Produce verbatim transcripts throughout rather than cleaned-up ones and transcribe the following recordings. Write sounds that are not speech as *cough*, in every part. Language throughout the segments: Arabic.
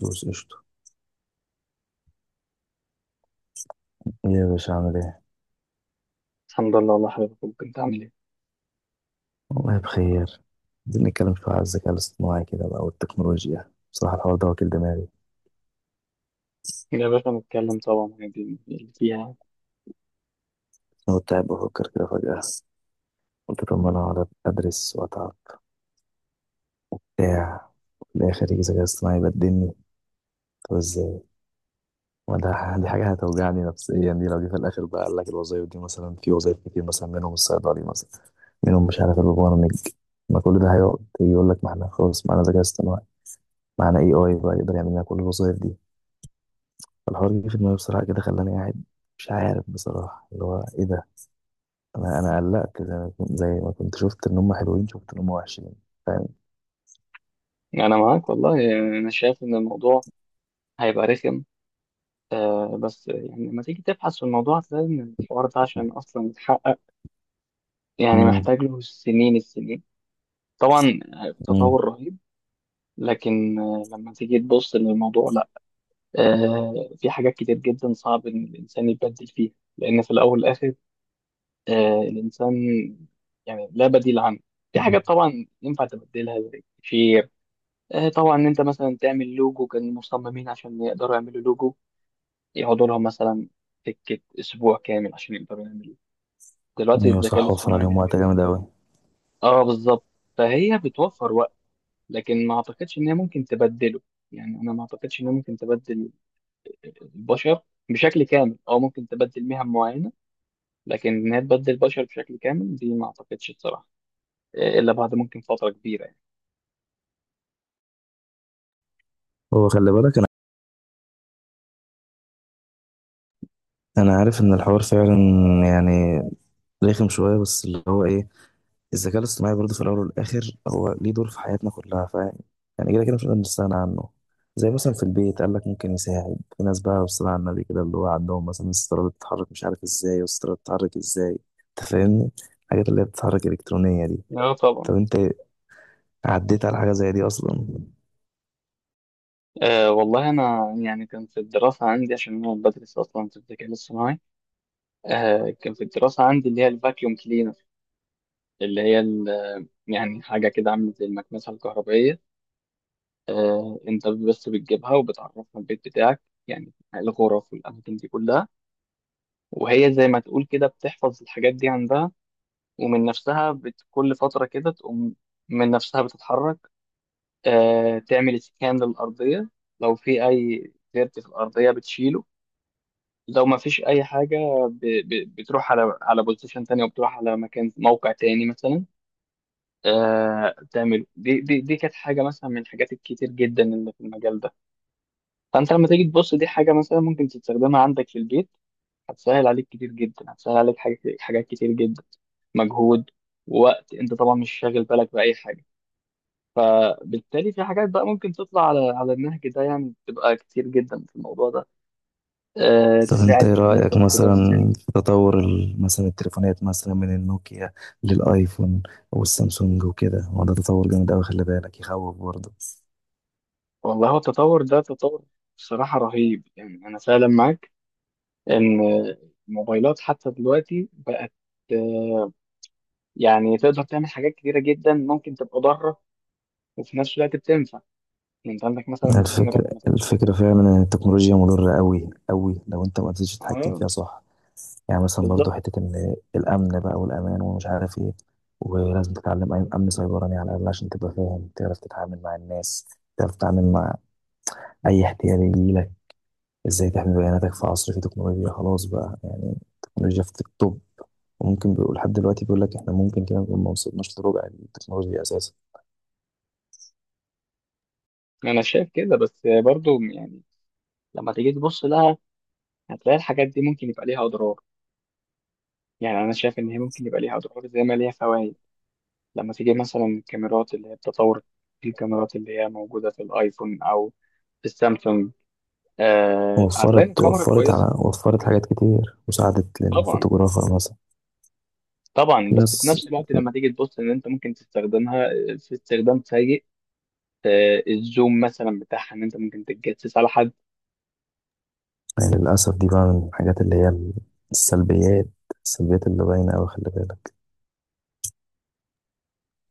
دوس قشطة. إيه يا باشا عامل ايه؟ الحمد لله والله حبيبي أخوك، انت عامل ايه؟ والله بخير. عايزين نتكلم شوية على الذكاء الاصطناعي كده بقى والتكنولوجيا، بصراحة الحوار ده واكل دماغي. يا باشا نتكلم طبعا عادي اللي فيها يعني. أنا كنت قاعد بفكر كده فجأة، قلت طب ما أنا أقعد أدرس وأتعب بتاع، في الآخر يجي ذكاء اصطناعي يبدلني. طب إزاي؟ ما ده دي حاجة هتوجعني نفسيا، دي لو جه في الآخر بقى قال لك الوظايف دي مثلا، في وظايف كتير مثلا منهم الصيدلي مثلا، منهم مش عارف البرامج، ما كل ده هيقعد يجي يقول لك ما احنا خلاص معانا ذكاء اصطناعي، معانا اي اي بقى يقدر يعمل لنا كل الوظايف دي. فالحوار جه في دماغي بصراحة كده خلاني قاعد مش عارف بصراحة اللي هو إيه ده. أنا أنا قلقت، زي ما كنت زي ما كنت شفت إن هم حلوين، شفت إن هم وحشين، فاهم. انا معاك والله يعني انا شايف ان الموضوع هيبقى رخم. آه بس يعني لما تيجي تبحث في الموضوع هتلاقي ان الحوار ده عشان اصلا يتحقق يعني امم. محتاج له سنين السنين. طبعا آه، امم. تطور رهيب. لكن آه، لما تيجي تبص للموضوع لا، آه في حاجات كتير جدا صعب ان الانسان يبدل فيها لان في الاول والاخر آه الانسان يعني لا بديل عنه. في حاجات طبعا ينفع تبدلها زي التكفير، آه، طبعا ان انت مثلا تعمل لوجو. كان المصممين عشان يقدروا يعملوا لوجو يقعدوا لهم مثلا سكه اسبوع كامل عشان يقدروا يعملوا، دلوقتي أيوة الذكاء صح، وفر الاصطناعي عليهم بيعمله. وقت جامد أوي. اه بالظبط، فهي بتوفر وقت. لكن ما اعتقدش ان هي ممكن تبدله، يعني انا ما اعتقدش ان هي ممكن تبدل البشر بشكل كامل، او ممكن تبدل مهن معينه لكن ان هي تبدل البشر بشكل كامل دي ما اعتقدش بصراحه. آه، الا بعد ممكن فتره كبيره يعني. هو خلي بالك، أنا أنا عارف إن الحوار فعلا يعني رخم شوية، بس اللي هو إيه، الذكاء الاصطناعي برضه في الاول والاخر هو ليه دور في حياتنا كلها، ف يعني كده كده مش هنقدر نستغنى عنه. زي مثلا في البيت قال لك ممكن يساعد في ناس بقى والصلاة على النبي، كده اللي هو عندهم مثلا الستارة اللي بتتحرك مش عارف ازاي، والستارة بتتحرك ازاي، انت فاهمني، الحاجات اللي هي بتتحرك الكترونية دي. اه طبعا. طب انت عديت على حاجة زي دي اصلا؟ آه والله انا يعني كان في الدراسه عندي عشان انا بدرس اصلا في الذكاء الاصطناعي. آه كان في الدراسة عندي اللي هي الفاكيوم كلينر، اللي هي ال- يعني حاجة كده عاملة زي المكنسة الكهربائية. آه أنت بس بتجيبها وبتعرفها البيت بتاعك يعني الغرف والأماكن دي كلها، وهي زي ما تقول كده بتحفظ الحاجات دي عندها، ومن نفسها بت... كل فترة كده تقوم من نفسها بتتحرك. آه تعمل سكان للأرضية، لو في أي ديرت في الأرضية بتشيله، لو ما فيش أي حاجة ب... ب... بتروح على على بوزيشن تاني، وبتروح على مكان موقع تاني مثلا. آه بتعمله، دي دي دي كانت حاجه مثلا من الحاجات الكتير جدا اللي في المجال ده. فانت لما تيجي تبص دي حاجه مثلا ممكن تستخدمها عندك في البيت، هتسهل عليك كتير جدا، هتسهل عليك حاجات حاجات كتير جدا، مجهود ووقت، انت طبعا مش شاغل بالك باي حاجه. فبالتالي في حاجات بقى ممكن تطلع على على النهج ده، يعني بتبقى كتير جدا في الموضوع ده. آه طب انت ايه تساعد الناس رأيك بقى كبار مثلا السن. في تطور ال- مثلا التليفونات، مثلا من النوكيا للايفون والسامسونج وكده؟ هو ده تطور جامد قوي، خلي بالك يخوف برضه. والله هو التطور ده تطور بصراحه رهيب، يعني انا فعلا معاك ان الموبايلات حتى دلوقتي بقت آه، يعني تقدر تعمل حاجات كتيرة جدا ممكن تبقى ضارة وفي نفس الوقت بتنفع. يعني انت عندك مثلا الكاميرا الفكرة لما تبقى. الفكرة فعلا إن التكنولوجيا مضرة أوي أوي لو أنت ما قدرتش تتحكم اه فيها، صح؟ يعني مثلا برضو بالظبط. حتة إن الأمن بقى والأمان ومش عارف إيه، ولازم تتعلم أي- أمن سيبراني على الأقل عشان تبقى فاهم، تعرف تتعامل مع الناس، تعرف تتعامل مع أي احتيال يجيلك، إزاي تحمي بياناتك في عصر فيه تكنولوجيا. خلاص بقى يعني التكنولوجيا في التوب، وممكن بيقول لحد دلوقتي بيقول لك إحنا ممكن كده نكون ما وصلناش لربع التكنولوجيا أساسا. انا شايف كده بس برضو يعني لما تيجي تبص لها هتلاقي الحاجات دي ممكن يبقى ليها اضرار، يعني انا شايف ان هي ممكن يبقى ليها اضرار زي ما ليها فوائد. لما تيجي مثلا الكاميرات اللي هي بتطور، الكاميرات اللي هي موجودة في الايفون او في السامسونج، آه هتلاقي إن وفرت الكاميرا وفرت كويسة. على وفرت حاجات كتير مساعدة طبعا للفوتوغرافر مثلا. طبعا، في بس في ناس. نفس الوقت لما تيجي تبص ان انت ممكن تستخدمها آه، في استخدام سيء. آه، الزوم مثلا بتاعها ان انت ممكن تتجسس على حد. يعني للأسف دي بقى من الحاجات اللي هي السلبيات السلبيات اللي باينة أوي، خلي بالك.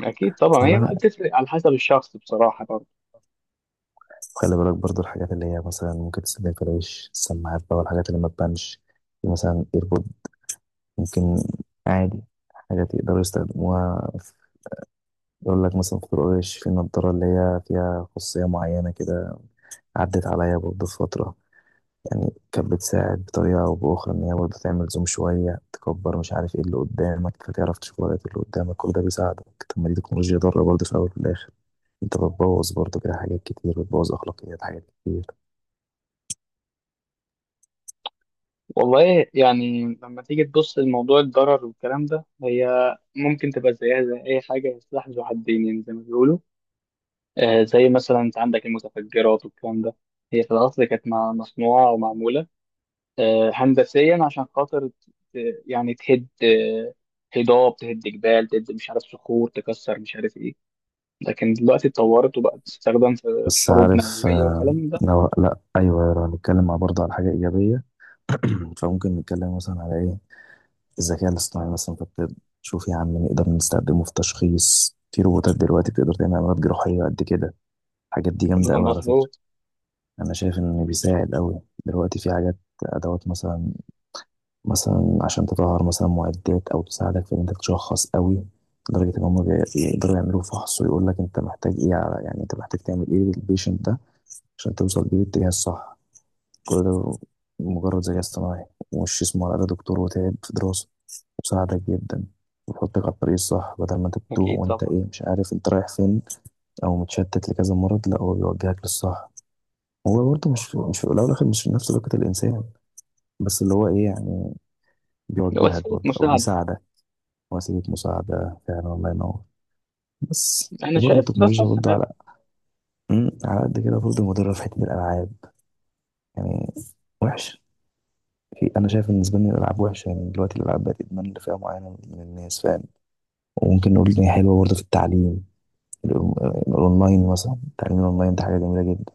اكيد طبعا هي والله بقى لا. بتفرق على حسب الشخص بصراحه برضه. خلي بالك برضو الحاجات اللي هي مثلا ممكن تستخدم في العيش، السماعات بقى والحاجات اللي ما تبانش، في مثلا ايربود، ممكن عادي، حاجات يقدروا يستخدموها في- يقول لك مثلا في طرق العيش في نضارة اللي هي فيها خصوصية معينة كده، عدت عليا برضو في فترة، يعني كانت بتساعد بطريقة أو بأخرى إن هي برضه تعمل زوم شوية، تكبر مش عارف إيه اللي قدامك، فتعرف تشوف ورقة اللي قدامك، كل ده بيساعدك. طب ما دي تكنولوجيا ضارة برضه في الأول وفي الآخر، أنت بتبوظ برضه كده حاجات كتير، بتبوظ أخلاقيات حاجات كتير. والله يعني لما تيجي تبص لموضوع الضرر والكلام ده، هي ممكن تبقى زيها زي اي حاجه سلاح ذو حدين يعني زي ما بيقولوا. آه، زي مثلا انت عندك المتفجرات والكلام ده، هي في الاصل كانت مع- مصنوعه ومعموله آه، هندسيا عشان خاطر ت- ت- يعني تهد آه، هضاب، تهد جبال، تهد مش عارف صخور، تكسر مش عارف ايه. لكن دلوقتي اتطورت وبقت تستخدم في بس حروب عارف، نووية آه، والكلام ده. لو، لأ، أيوه، لو هنتكلم مع برضه على حاجة إيجابية. *clears throat* فممكن نتكلم مثلا على إيه؟ الذكاء الاصطناعي مثلا في الطب، شوف يا عم نقدر نستخدمه في تشخيص، في روبوتات دلوقتي بتقدر تعمل عمليات جراحية قد كده، الحاجات دي ده جامدة أوي على فكرة. مظبوط. انا شايف انه بيساعد قوي دلوقتي في حاجات، ادوات مثلا مثلا عشان تطهر مثلا معدات او تساعدك في ان انت تشخص قوي، لدرجه ان هم بي- بيقدروا يعملوا فحص ويقول لك انت محتاج ايه، على يعني انت محتاج تعمل ايه للبيشنت ده عشان توصل بيه للاتجاه الصح. كل ده مجرد ذكاء اصطناعي، ومش اسمه على الأقل دكتور وتعب في دراسه، وساعدك جدا، ويحطك على الطريق الصح بدل ما انت بتوه أكيد وانت طبعا. ايه مش عارف انت رايح فين، او متشتت لكذا مرض، لا هو بيوجهك للصح. هو برضه مش في مش في الأول والآخر مش في نفس لياقة الإنسان، بس اللي هو إيه يعني ده بيوجهك وسيلة برضه أو مساعدة. بيساعدك. وسيلة مساعدة فعلا، الله ينور. بس أنا وبرضه شايف ده التكنولوجيا صح برضه فعلا. على أمم، على قد كده برضه مضرة في حتة الألعاب يعني، وحش. في أنا شايف بالنسبة لي الألعاب وحشة، يعني دلوقتي الألعاب بقت إدمان لفئة معينة من الناس، فاهم. وممكن نقول إن هي حلوة برضه في التعليم، الأون- الأونلاين مثلا، التعليم الأونلاين ده حاجة جميلة جدا.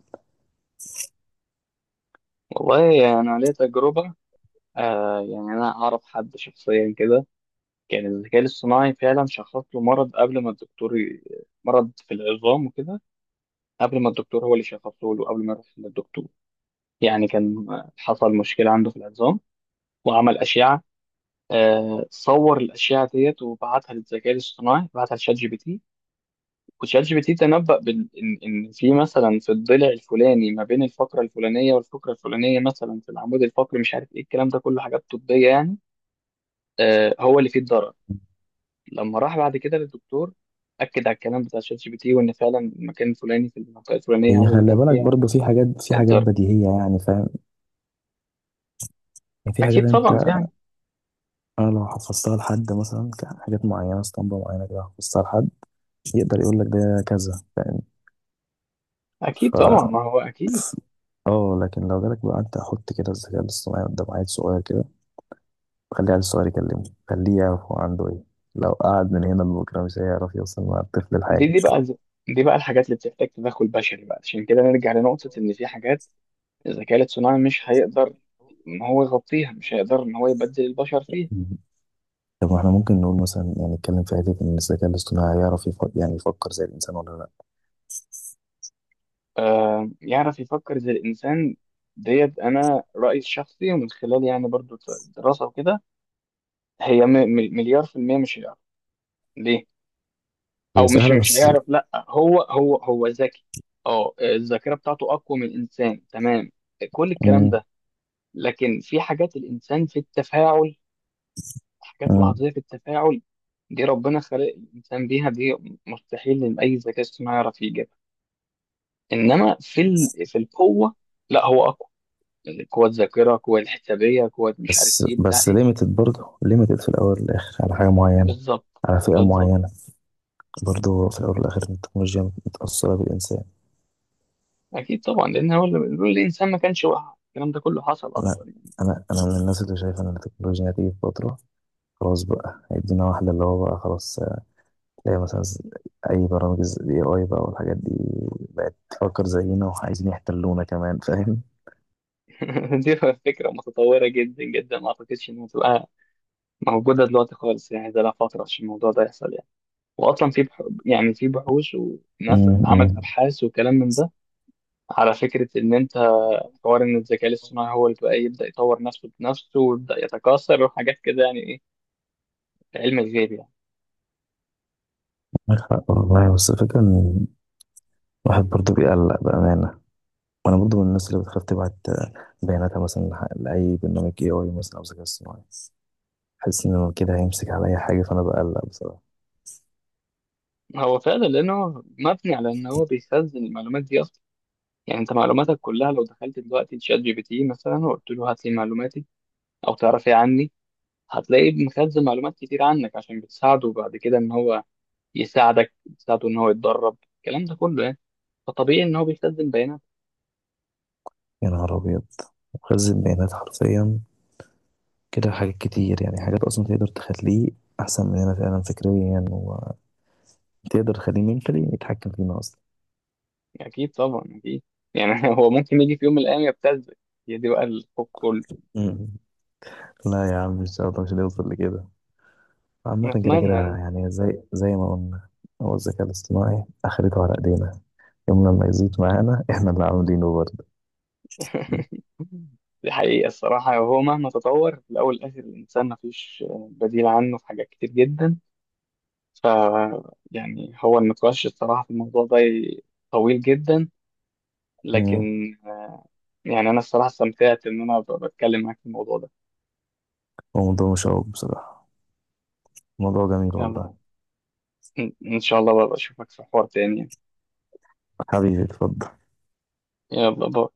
والله أنا ليا تجربة، آه يعني أنا أعرف حد شخصيا كده كان الذكاء الاصطناعي فعلا شخص له مرض قبل ما الدكتور ي- مرض في العظام وكده، قبل ما الدكتور هو اللي شخصه له قبل ما يروح للدكتور. يعني كان حصل مشكلة عنده في العظام، وعمل أشعة. آه، صور الأشعة ديت وبعتها للذكاء الاصطناعي، بعتها لشات جي بي تي، وشات جي بي تي تنبأ بال... إن إن في مثلا في الضلع الفلاني ما بين الفقرة الفلانية والفقرة الفلانية مثلا في العمود الفقري مش عارف إيه الكلام ده كله حاجات طبية يعني، آه، هو اللي فيه الضرر. لما راح بعد كده للدكتور أكد على الكلام بتاع شات جي بي تي، وإن فعلا المكان الفلاني في المنطقة الفلانية هي هو اللي خلي كان بالك فيها برضه في حاجات في حاجات الضرر. بديهية يعني، فاهم يعني، في حاجات أكيد طبعا يعني. انا لو حفظتها لحد مثلا، كان حاجات معينه اسطمبه معينه كده، حفظتها لحد يقدر يقول لك ده كذا، فاهم. أكيد ف طبعا ما هو أكيد. ف- اه لكن لو جالك بقى انت حط كده الذكاء الاصطناعي قدام عيل صغير كده، خلي العيل الصغير يكلمه، خليه يعرف هو عنده ايه، لو قعد من هنا لبكره مش هيعرف يوصل مع الطفل لحاجه. دي دي بقى دي بقى الحاجات اللي بتحتاج تدخل بشري، بقى عشان كده نرجع لنقطة إن في حاجات الذكاء الاصطناعي مش هيقدر إن هو يغطيها، مش هيقدر إن هو يبدل البشر فيها. طب احنا ممكن نقول مثلا يعني نتكلم في حته ان الذكاء الاصطناعي يعرف يفكر، يعني يفكر زي الانسان ولا لا؟ آه يعرف يفكر زي الإنسان، ديت أنا رأيي الشخصي ومن خلال يعني برضو دراسة وكده. هي م- م- مليار في المية مش هيعرف. ليه؟ هي أو مش سهله مش بس. هيعرف. لأ هو هو هو ذكي. أه الذاكرة بتاعته أقوى من الإنسان، تمام، كل الكلام مم. ده. لكن في حاجات الإنسان في التفاعل، حاجات مم. لحظية في التفاعل، دي ربنا خلق الإنسان بيها، دي مستحيل إن أي ذكاء اصطناعي يعرف يجيبها. إنما في ال... في القوة لا هو أقوى، قوة ذاكرة، قوة الحسابية، قوة مش عارف بس إيه بتاع بس إيه. ليميتد برضه ليميتد في الاول والاخر على حاجه معينه، بالظبط. على فئه بالظبط. معينه، برضه في الاول والاخر التكنولوجيا متاثره بالانسان. أكيد طبعا لأن هو اللي بيقول الإنسان، ما كانش وقع الكلام ده كله حصل لا، أصلا يعني. انا انا من الناس اللي شايفه ان التكنولوجيا هتيجي في فتره، خلاص بقى هيدينا واحده اللي هو بقى خلاص، زي مثلا ز- اي برامج الاي اي بقى والحاجات دي، بقت تفكر زينا وعايزين يحتلونا كمان، فاهم. *laughs* دي فكرة متطورة جدا جدا ما أعتقدش إنها تبقى موجودة دلوقتي خالص، يعني ده لها فترة عشان الموضوع ده يحصل يعني. وأصلا في بح... يعني في بحوث وناس عملت امم. أبحاث وكلام من ده على فكرة إن أنت حوار إن الذكاء الاصطناعي هو اللي بقى يبدأ يطور نفسه بنفسه ويبدأ يتكاثر وحاجات كده، يعني إيه، علم الغيب يعني. معاك حق والله، بس الفكره ان الواحد برضه بيقلق بأمانة، وانا برضو من الناس اللي بتخاف تبعت بياناتها مثلا لح- لاي برنامج اي اي مثلا او ذكاء اصطناعي، حاسس ان هو كده هيمسك على اي حاجه، فانا بقلق بصراحه. هو فعلا لأنه مبني على إن هو بيخزن المعلومات دي أصلا. يعني أنت معلوماتك كلها لو دخلت دلوقتي تشات جي بي تي مثلا وقلت له هات لي معلوماتي أو تعرف إيه عني، هتلاقيه مخزن معلومات كتير عنك عشان بتساعده بعد كده إن هو يساعدك، بتساعده إن هو يتدرب الكلام ده كله يعني. فطبيعي إن هو بيخزن بيانات. يا نهار ابيض، مخزن بيانات حرفيا، كده حاجات كتير يعني، حاجات اصلا تقدر تخليه احسن مننا فعلا فكريا، وتقدر تخليه منتلي يتحكم فينا اصلا. اكيد طبعا اكيد. يعني *laughs* هو ممكن يجي في يوم من الايام يبتزك، هي دي بقى الخوف كله. مم. لا يا عم ان شاء الله مش هنوصل لكده، عامة كده نتمنى كده يعني. يعني زي زي ما قلنا، هو الذكاء الاصطناعي اخرته على ايدينا، يوم لما يزيد معانا احنا اللي عاملينه *laughs* دي حقيقة الصراحة، هو مهما تطور في الأول والآخر الإنسان مفيش بديل عنه في حاجات كتير جدا. ف، يعني هو النقاش الصراحة في الموضوع ده طويل جدا. برضه. لكن يعني أنا الصراحة استمتعت إن أنا ب- بتكلم معاك في الموضوع ده. هو موضوع مشوق بصراحة، موضوع جميل يلا والله. إن إن شاء الله بقى أشوفك في حوار تاني. حبيبي اتفضل. يلا باي.